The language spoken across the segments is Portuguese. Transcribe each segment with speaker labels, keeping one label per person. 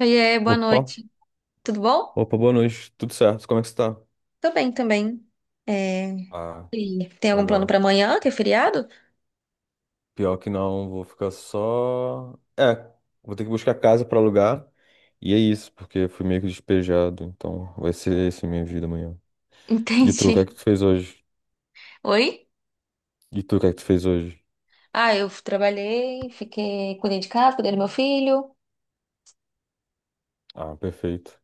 Speaker 1: Oiê, boa
Speaker 2: Opa,
Speaker 1: noite. Tudo bom?
Speaker 2: opa, boa noite. Tudo certo? Como é que você tá?
Speaker 1: Tô bem também. É,
Speaker 2: Ah,
Speaker 1: Sim. Tem algum plano
Speaker 2: legal.
Speaker 1: pra amanhã, que é feriado?
Speaker 2: Pior que não, vou ficar só. É, vou ter que buscar casa pra alugar. E é isso, porque fui meio que despejado. Então vai ser essa minha vida amanhã. E tu, o
Speaker 1: Entendi.
Speaker 2: que é que tu fez hoje?
Speaker 1: Oi?
Speaker 2: E tu, o que é que tu fez hoje?
Speaker 1: Ah, eu trabalhei, fiquei, cuidei de casa, cuidei do meu filho.
Speaker 2: Ah, perfeito.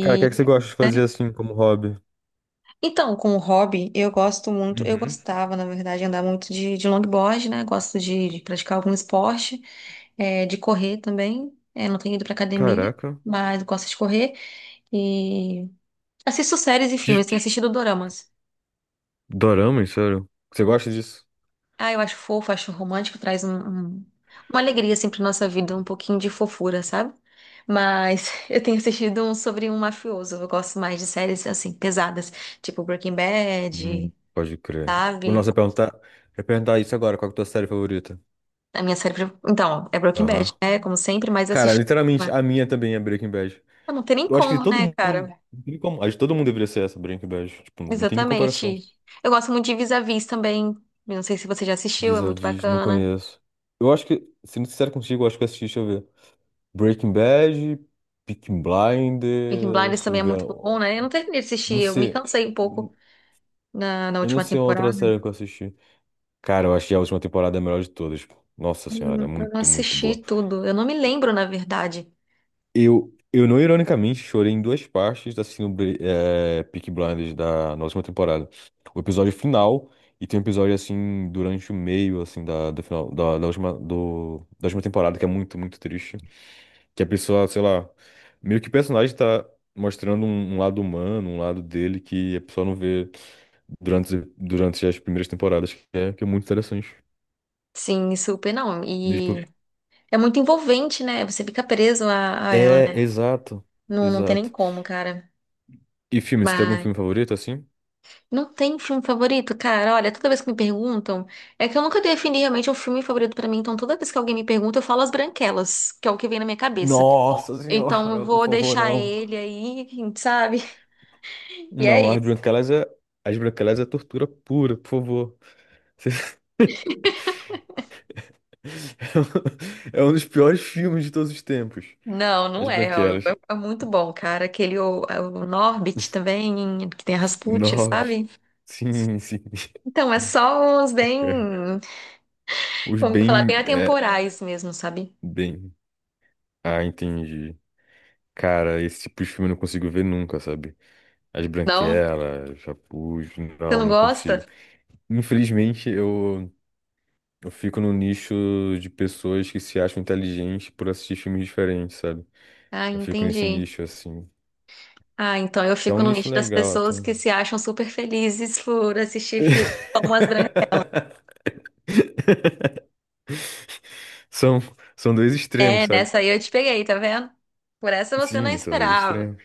Speaker 2: Cara, o que é que você gosta de fazer assim como hobby?
Speaker 1: Então, com o hobby, eu gosto muito, eu
Speaker 2: Uhum.
Speaker 1: gostava, na verdade, andar muito de longboard, né? Gosto de praticar algum esporte, de correr também. Não tenho ido pra academia,
Speaker 2: Caraca.
Speaker 1: mas gosto de correr. E assisto séries e
Speaker 2: Que
Speaker 1: filmes, tenho assistido doramas.
Speaker 2: dorama, sério? Você gosta disso?
Speaker 1: Ah, eu acho fofo, acho romântico, traz uma alegria assim pra nossa vida, um pouquinho de fofura, sabe? Mas eu tenho assistido um sobre um mafioso, eu gosto mais de séries assim, pesadas, tipo Breaking Bad,
Speaker 2: Uhum, pode crer. O
Speaker 1: sabe?
Speaker 2: nosso é perguntar isso agora, qual que é a tua série favorita?
Speaker 1: A minha então é Breaking Bad,
Speaker 2: Aham.
Speaker 1: né? Como sempre, mas eu
Speaker 2: Cara,
Speaker 1: assisti. Mas
Speaker 2: literalmente, a minha também é Breaking Bad.
Speaker 1: não tem nem
Speaker 2: Eu acho que de
Speaker 1: como,
Speaker 2: todo
Speaker 1: né,
Speaker 2: mundo.
Speaker 1: cara?
Speaker 2: Não tem como, acho que todo mundo deveria ser essa, Breaking Bad. Tipo, não tem nem comparação.
Speaker 1: Exatamente. Eu gosto muito de Vis-a-Vis também. Eu não sei se você já assistiu, é muito
Speaker 2: Vis-a-vis, não
Speaker 1: bacana.
Speaker 2: conheço. Eu acho que, sendo sincero contigo, eu acho que eu assisti, deixa eu ver. Breaking Bad, Peaky
Speaker 1: Peaky
Speaker 2: Blinders,
Speaker 1: Blinders
Speaker 2: deixa
Speaker 1: também
Speaker 2: eu
Speaker 1: é
Speaker 2: ver.
Speaker 1: muito bom, né? Eu não terminei de assistir,
Speaker 2: Não
Speaker 1: eu me
Speaker 2: sei.
Speaker 1: cansei um pouco na
Speaker 2: Eu não
Speaker 1: última
Speaker 2: sei uma outra
Speaker 1: temporada.
Speaker 2: série que eu assisti. Cara, eu achei a última temporada é a melhor de todas. Nossa senhora, é
Speaker 1: Eu não
Speaker 2: muito, muito
Speaker 1: assisti
Speaker 2: boa.
Speaker 1: tudo. Eu não me lembro, na verdade.
Speaker 2: Eu não ironicamente chorei em duas partes da síndrome Peaky Blinders da na última temporada. O episódio final e tem um episódio assim durante o meio assim do final da última da última temporada que é muito muito triste. Que a pessoa, sei lá, meio que o personagem tá mostrando um lado humano, um lado dele que a pessoa não vê durante as primeiras temporadas, que é muito interessante.
Speaker 1: Sim, super não.
Speaker 2: E, tipo,
Speaker 1: E é muito envolvente, né? Você fica preso a ela,
Speaker 2: é,
Speaker 1: né?
Speaker 2: exato,
Speaker 1: Não, não tem nem
Speaker 2: exato.
Speaker 1: como, cara.
Speaker 2: E filme, você tem algum
Speaker 1: Mas
Speaker 2: filme favorito assim?
Speaker 1: não tem filme favorito, cara. Olha, toda vez que me perguntam, é que eu nunca defini realmente um filme favorito pra mim. Então, toda vez que alguém me pergunta, eu falo As Branquelas, que é o que vem na minha cabeça.
Speaker 2: Nossa
Speaker 1: Então, eu
Speaker 2: senhora, por
Speaker 1: vou
Speaker 2: favor,
Speaker 1: deixar
Speaker 2: não.
Speaker 1: ele aí, sabe? E
Speaker 2: Não,
Speaker 1: é
Speaker 2: as
Speaker 1: isso.
Speaker 2: branquelas é, as branquelas é tortura pura, por favor. É um é um dos piores filmes de todos os tempos.
Speaker 1: Não,
Speaker 2: As
Speaker 1: não é. Ó,
Speaker 2: branquelas.
Speaker 1: é é muito bom, cara. É o Norbit também, que tem a Rasputia,
Speaker 2: Nobres.
Speaker 1: sabe?
Speaker 2: Sim, sim.
Speaker 1: Então, é só uns
Speaker 2: É.
Speaker 1: bem,
Speaker 2: Os
Speaker 1: como eu vou falar,
Speaker 2: bem.
Speaker 1: bem
Speaker 2: É,
Speaker 1: atemporais mesmo, sabe?
Speaker 2: bem. Ah, entendi. Cara, esse tipo de filme eu não consigo ver nunca, sabe? As
Speaker 1: Não?
Speaker 2: branquelas, Chapuz,
Speaker 1: Você
Speaker 2: não,
Speaker 1: não
Speaker 2: não consigo.
Speaker 1: gosta?
Speaker 2: Infelizmente, eu fico no nicho de pessoas que se acham inteligentes por assistir filmes diferentes, sabe?
Speaker 1: Ah,
Speaker 2: Eu fico nesse
Speaker 1: entendi.
Speaker 2: nicho, assim.
Speaker 1: Ah, então eu
Speaker 2: Que é
Speaker 1: fico
Speaker 2: um
Speaker 1: no
Speaker 2: nicho
Speaker 1: nicho das
Speaker 2: legal até.
Speaker 1: pessoas que se acham super felizes por assistir filmes como as grandes.
Speaker 2: São, são dois extremos,
Speaker 1: É,
Speaker 2: sabe?
Speaker 1: nessa aí eu te peguei, tá vendo? Por essa você não
Speaker 2: Sim, são dois
Speaker 1: esperava.
Speaker 2: extremos.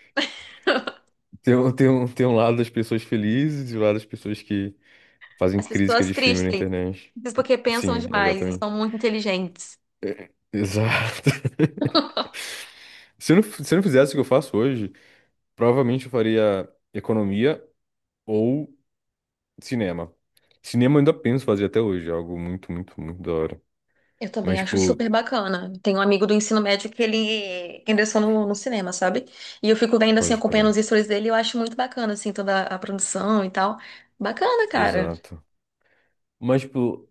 Speaker 2: Tem um lado das pessoas felizes e o lado das pessoas que fazem
Speaker 1: As
Speaker 2: crítica
Speaker 1: pessoas
Speaker 2: de filme na
Speaker 1: tristes,
Speaker 2: internet.
Speaker 1: porque pensam
Speaker 2: Sim,
Speaker 1: demais e são
Speaker 2: exatamente.
Speaker 1: muito inteligentes.
Speaker 2: É, exato. Se eu não fizesse o que eu faço hoje, provavelmente eu faria economia ou cinema. Cinema eu ainda penso fazer até hoje, é algo muito, muito, muito da hora.
Speaker 1: Eu
Speaker 2: Mas,
Speaker 1: também acho
Speaker 2: tipo,
Speaker 1: super bacana. Tem um amigo do ensino médio que ele ingressou no cinema, sabe? E eu fico vendo, assim,
Speaker 2: pode
Speaker 1: acompanhando
Speaker 2: crer.
Speaker 1: os stories dele, eu acho muito bacana, assim, toda a produção e tal. Bacana, cara.
Speaker 2: Exato. Mas, tipo,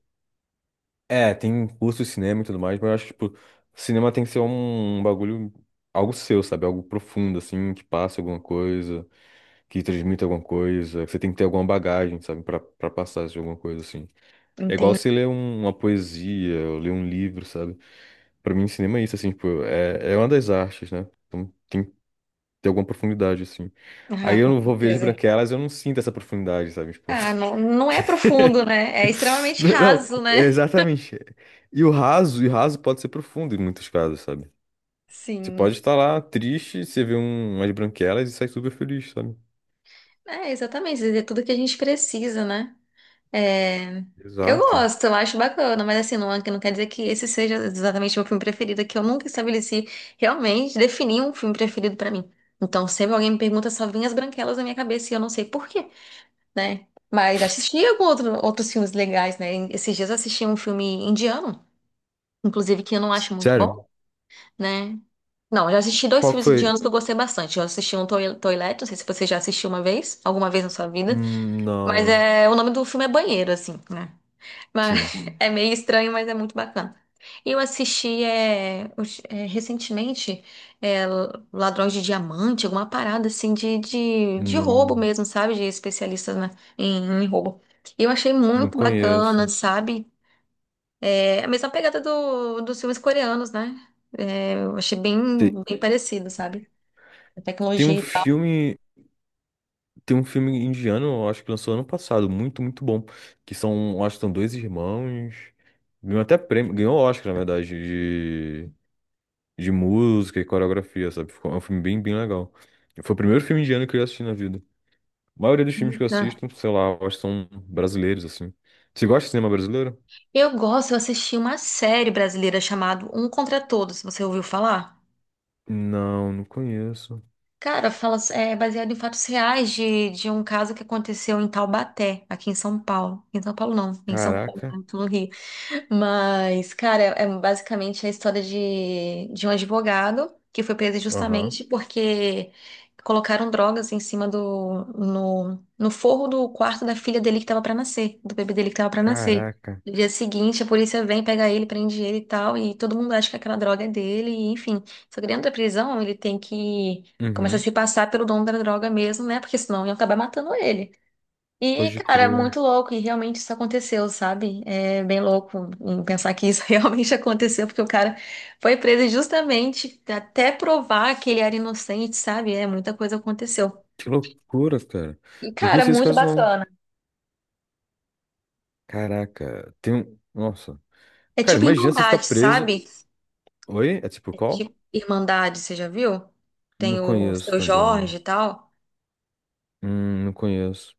Speaker 2: é, tem curso de cinema e tudo mais, mas eu acho que, tipo, cinema tem que ser um bagulho, algo seu, sabe? Algo profundo, assim, que passa alguma coisa, que transmite alguma coisa, que você tem que ter alguma bagagem, sabe? Pra passar de alguma coisa, assim. É igual
Speaker 1: Entendi.
Speaker 2: você ler uma poesia, ou ler um livro, sabe? Pra mim, cinema é isso, assim, tipo, é, é uma das artes, né? Então, tem tem alguma profundidade, assim. Aí
Speaker 1: Ah,
Speaker 2: eu
Speaker 1: com
Speaker 2: não vou ver as
Speaker 1: certeza.
Speaker 2: branquelas, eu não sinto essa profundidade, sabe? Tipo.
Speaker 1: Ah, não, não é profundo, né? É extremamente
Speaker 2: Não,
Speaker 1: raso, né?
Speaker 2: exatamente. E o raso pode ser profundo em muitos casos, sabe? Você
Speaker 1: Sim.
Speaker 2: pode estar lá triste, você vê umas branquelas e sai super feliz, sabe?
Speaker 1: É, exatamente. É tudo que a gente precisa, né? É, eu
Speaker 2: Exato.
Speaker 1: gosto, eu acho bacana, mas assim, não, não quer dizer que esse seja exatamente o meu filme preferido, é que eu nunca estabeleci realmente, defini um filme preferido pra mim. Então, sempre alguém me pergunta, só vem As Branquelas na minha cabeça e eu não sei por quê, né? Mas assisti algum outros filmes legais, né? Esses dias eu assisti um filme indiano, inclusive que eu não acho muito
Speaker 2: Sério?
Speaker 1: bom, né? Não, eu já assisti dois
Speaker 2: Qual que
Speaker 1: filmes
Speaker 2: foi?
Speaker 1: indianos que eu gostei bastante. Eu assisti um Toilet, não sei se você já assistiu uma vez, alguma vez na sua vida, mas
Speaker 2: Não.
Speaker 1: é, o nome do filme é Banheiro, assim, né? Mas
Speaker 2: Sim.
Speaker 1: é meio estranho, mas é muito bacana. Eu assisti recentemente é, Ladrões de Diamante, alguma parada assim de roubo
Speaker 2: Não,
Speaker 1: mesmo, sabe? De especialistas né, em roubo. E eu achei
Speaker 2: não
Speaker 1: muito bacana,
Speaker 2: conheço.
Speaker 1: sabe? É a mesma pegada do, dos filmes coreanos, né? É, eu achei
Speaker 2: Tem,
Speaker 1: bem parecido, sabe? A
Speaker 2: tem um
Speaker 1: tecnologia e tal.
Speaker 2: filme. Tem um filme indiano, eu acho que lançou ano passado, muito, muito bom. Que são, eu acho que são dois irmãos. Ganhou até prêmio, ganhou Oscar, na verdade, de música e coreografia, sabe? Ficou- é um filme bem, bem legal. Foi o primeiro filme indiano que eu assisti na vida. A maioria dos filmes que eu
Speaker 1: Ah.
Speaker 2: assisto, sei lá, eu acho que são brasileiros, assim. Você gosta de cinema brasileiro?
Speaker 1: Eu gosto, eu assisti uma série brasileira chamada Um Contra Todos, você ouviu falar?
Speaker 2: Não, não conheço.
Speaker 1: Cara, fala, é baseado em fatos reais de um caso que aconteceu em Taubaté, aqui em São Paulo. Em São Paulo não, em São Paulo,
Speaker 2: Caraca.
Speaker 1: né, tô no Rio. Mas, cara, é é basicamente a história de um advogado que foi preso
Speaker 2: Aham.
Speaker 1: justamente porque colocaram drogas em cima do, no, no forro do quarto da filha dele que estava para nascer, do bebê dele que estava para nascer.
Speaker 2: Caraca.
Speaker 1: No dia seguinte, a polícia vem, pega ele, prende ele e tal, e todo mundo acha que aquela droga é dele, e, enfim. Só que dentro da prisão, ele tem que começar a
Speaker 2: Uhum.
Speaker 1: se passar pelo dono da droga mesmo, né? Porque senão iam acabar matando ele. E,
Speaker 2: Pode
Speaker 1: cara, é
Speaker 2: crer.
Speaker 1: muito louco, e realmente isso aconteceu, sabe? É bem louco em pensar que isso realmente aconteceu, porque o cara foi preso justamente até provar que ele era inocente, sabe? É, muita coisa aconteceu.
Speaker 2: Que loucura, cara.
Speaker 1: E,
Speaker 2: Não
Speaker 1: cara,
Speaker 2: conhecia esse
Speaker 1: muito
Speaker 2: caso, não.
Speaker 1: bacana.
Speaker 2: Caraca. Tem um. Nossa.
Speaker 1: É
Speaker 2: Cara,
Speaker 1: tipo
Speaker 2: imagina você ficar
Speaker 1: Irmandade,
Speaker 2: preso.
Speaker 1: sabe?
Speaker 2: Oi? É tipo
Speaker 1: É
Speaker 2: qual?
Speaker 1: tipo Irmandade, você já viu? Tem
Speaker 2: Não
Speaker 1: o
Speaker 2: conheço
Speaker 1: Seu
Speaker 2: também.
Speaker 1: Jorge e tal.
Speaker 2: Não conheço.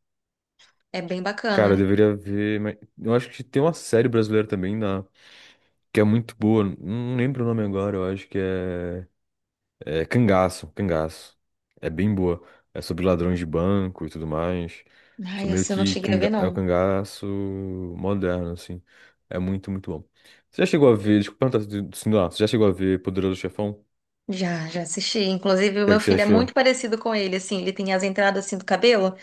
Speaker 1: É bem
Speaker 2: Cara, eu
Speaker 1: bacana.
Speaker 2: deveria ver. Mas eu acho que tem uma série brasileira também na... que é muito boa. Não lembro o nome agora. Eu acho que é. É Cangaço. Cangaço. É bem boa. É sobre ladrões de banco e tudo mais. Sou
Speaker 1: Ai,
Speaker 2: meio
Speaker 1: esse eu não
Speaker 2: que
Speaker 1: cheguei a ver,
Speaker 2: canga... é o
Speaker 1: não.
Speaker 2: cangaço moderno, assim. É muito, muito bom. Você já chegou a ver. Desculpa perguntar se não, você já chegou a ver Poderoso Chefão? O
Speaker 1: Já, já assisti. Inclusive, o
Speaker 2: que é
Speaker 1: meu
Speaker 2: que você
Speaker 1: filho é muito
Speaker 2: achou?
Speaker 1: parecido com ele, assim. Ele tem as entradas assim do cabelo.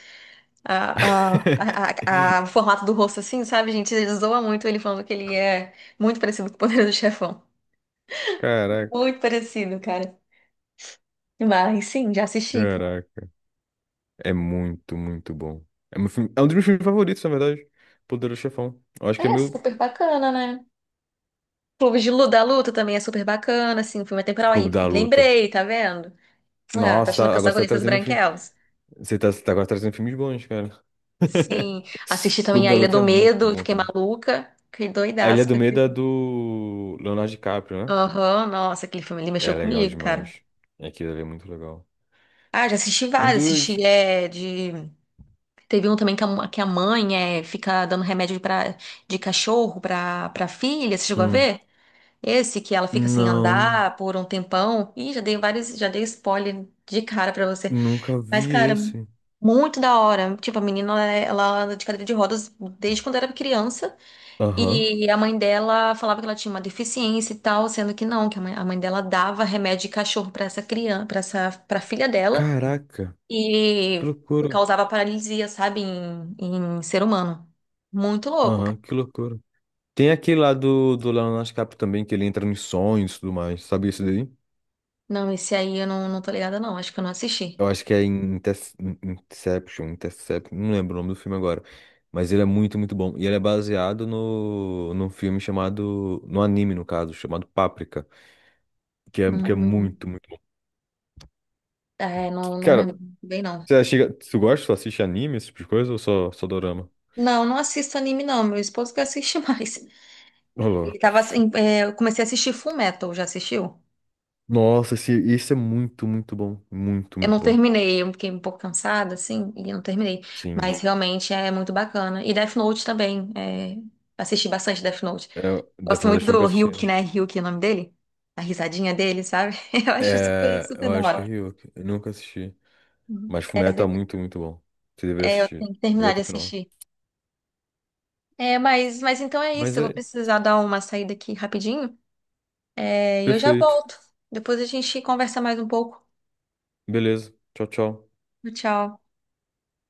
Speaker 1: a, o formato do rosto assim, sabe, gente? Ele zoa muito ele falando que ele é muito parecido com o Poderoso Chefão.
Speaker 2: Caraca,
Speaker 1: Muito parecido, cara. Mas sim, já assisti.
Speaker 2: caraca. É muito, muito bom. É, é um dos meus filmes favoritos, na verdade. Poderoso Chefão. Eu acho que é
Speaker 1: É
Speaker 2: meu
Speaker 1: super bacana, né? Clube da Luta também é super bacana, assim, filme temporal
Speaker 2: Clube
Speaker 1: aí.
Speaker 2: da Luta.
Speaker 1: Lembrei, tá vendo? Ah, tá
Speaker 2: Nossa,
Speaker 1: achando
Speaker 2: tá-
Speaker 1: que eu
Speaker 2: agora
Speaker 1: só
Speaker 2: você tá
Speaker 1: conheço as
Speaker 2: trazendo filme.
Speaker 1: branquelas?
Speaker 2: Você tá agora trazendo filmes bons, cara.
Speaker 1: Sim. Assisti também
Speaker 2: Clube
Speaker 1: A
Speaker 2: da
Speaker 1: Ilha
Speaker 2: Luta é
Speaker 1: do
Speaker 2: muito
Speaker 1: Medo,
Speaker 2: bom
Speaker 1: fiquei
Speaker 2: também.
Speaker 1: maluca. Fiquei
Speaker 2: A Ilha
Speaker 1: doidaço
Speaker 2: do
Speaker 1: com aquele
Speaker 2: Medo é
Speaker 1: filme.
Speaker 2: do Leonardo DiCaprio, né?
Speaker 1: Aham, nossa, aquele filme ali mexeu
Speaker 2: É legal
Speaker 1: comigo, cara.
Speaker 2: demais. É, aquilo ali é muito legal.
Speaker 1: Ah, já assisti
Speaker 2: Um
Speaker 1: vários,
Speaker 2: dos.
Speaker 1: assisti é, de teve um também que a mãe é, fica dando remédio de cachorro pra filha, você chegou a
Speaker 2: Hum.
Speaker 1: ver? Esse que ela fica sem
Speaker 2: Não,
Speaker 1: andar por um tempão. Ih, já dei vários, já dei spoiler de cara pra você.
Speaker 2: nunca
Speaker 1: Mas,
Speaker 2: vi
Speaker 1: cara,
Speaker 2: esse.
Speaker 1: muito da hora. Tipo, a menina, ela anda de cadeira de rodas desde quando era criança.
Speaker 2: Aham.
Speaker 1: E a mãe dela falava que ela tinha uma deficiência e tal, sendo que não, que a mãe dela dava remédio de cachorro pra essa criança, para essa, para filha dela.
Speaker 2: Caraca,
Speaker 1: E
Speaker 2: que loucura.
Speaker 1: causava paralisia, sabe, em ser humano. Muito louco, cara.
Speaker 2: Aham, que loucura. Tem aquele lá do Leonardo DiCaprio também, que ele entra nos sonhos e tudo mais. Sabe isso daí?
Speaker 1: Não, esse aí eu não, não tô ligada, não. Acho que eu não assisti.
Speaker 2: Eu acho que é em Inception, Intercept, não lembro o nome do filme agora. Mas ele é muito, muito bom. E ele é baseado num filme chamado. No anime, no caso, chamado Paprika. Que é
Speaker 1: Hum,
Speaker 2: muito, muito. Que,
Speaker 1: não, não
Speaker 2: cara,
Speaker 1: lembro bem, não.
Speaker 2: você chega. Tu gosta, tu assiste anime, esse tipo de coisa, ou só dorama?
Speaker 1: Não, não assisto anime, não. Meu esposo que assiste mais.
Speaker 2: Ô, louco.
Speaker 1: Ele tava assim, é, eu comecei a assistir Full Metal, já assistiu?
Speaker 2: Nossa, esse é muito, muito bom. Muito,
Speaker 1: Eu
Speaker 2: muito
Speaker 1: não
Speaker 2: bom.
Speaker 1: terminei, eu fiquei um pouco cansada, assim, e não terminei.
Speaker 2: Sim.
Speaker 1: Mas realmente é muito bacana. E Death Note também. Assisti bastante Death Note.
Speaker 2: É, Death
Speaker 1: Gosto muito
Speaker 2: Note eu nunca
Speaker 1: do
Speaker 2: assisti.
Speaker 1: Ryuk, né? Ryuk é o nome dele. A risadinha dele, sabe? Eu acho super,
Speaker 2: É,
Speaker 1: super
Speaker 2: eu
Speaker 1: da
Speaker 2: acho que é
Speaker 1: hora.
Speaker 2: Ryuk. Eu nunca assisti.
Speaker 1: Uhum.
Speaker 2: Mas Fullmetal tá muito, muito bom. Você deveria
Speaker 1: Eu
Speaker 2: assistir.
Speaker 1: tenho que
Speaker 2: Vê
Speaker 1: terminar de
Speaker 2: até o final.
Speaker 1: assistir. É, mas então é isso.
Speaker 2: Mas
Speaker 1: Eu vou
Speaker 2: é
Speaker 1: precisar dar uma saída aqui rapidinho. É, e eu já
Speaker 2: perfeito.
Speaker 1: volto. Depois a gente conversa mais um pouco.
Speaker 2: Beleza. Tchau, tchau.
Speaker 1: Tchau.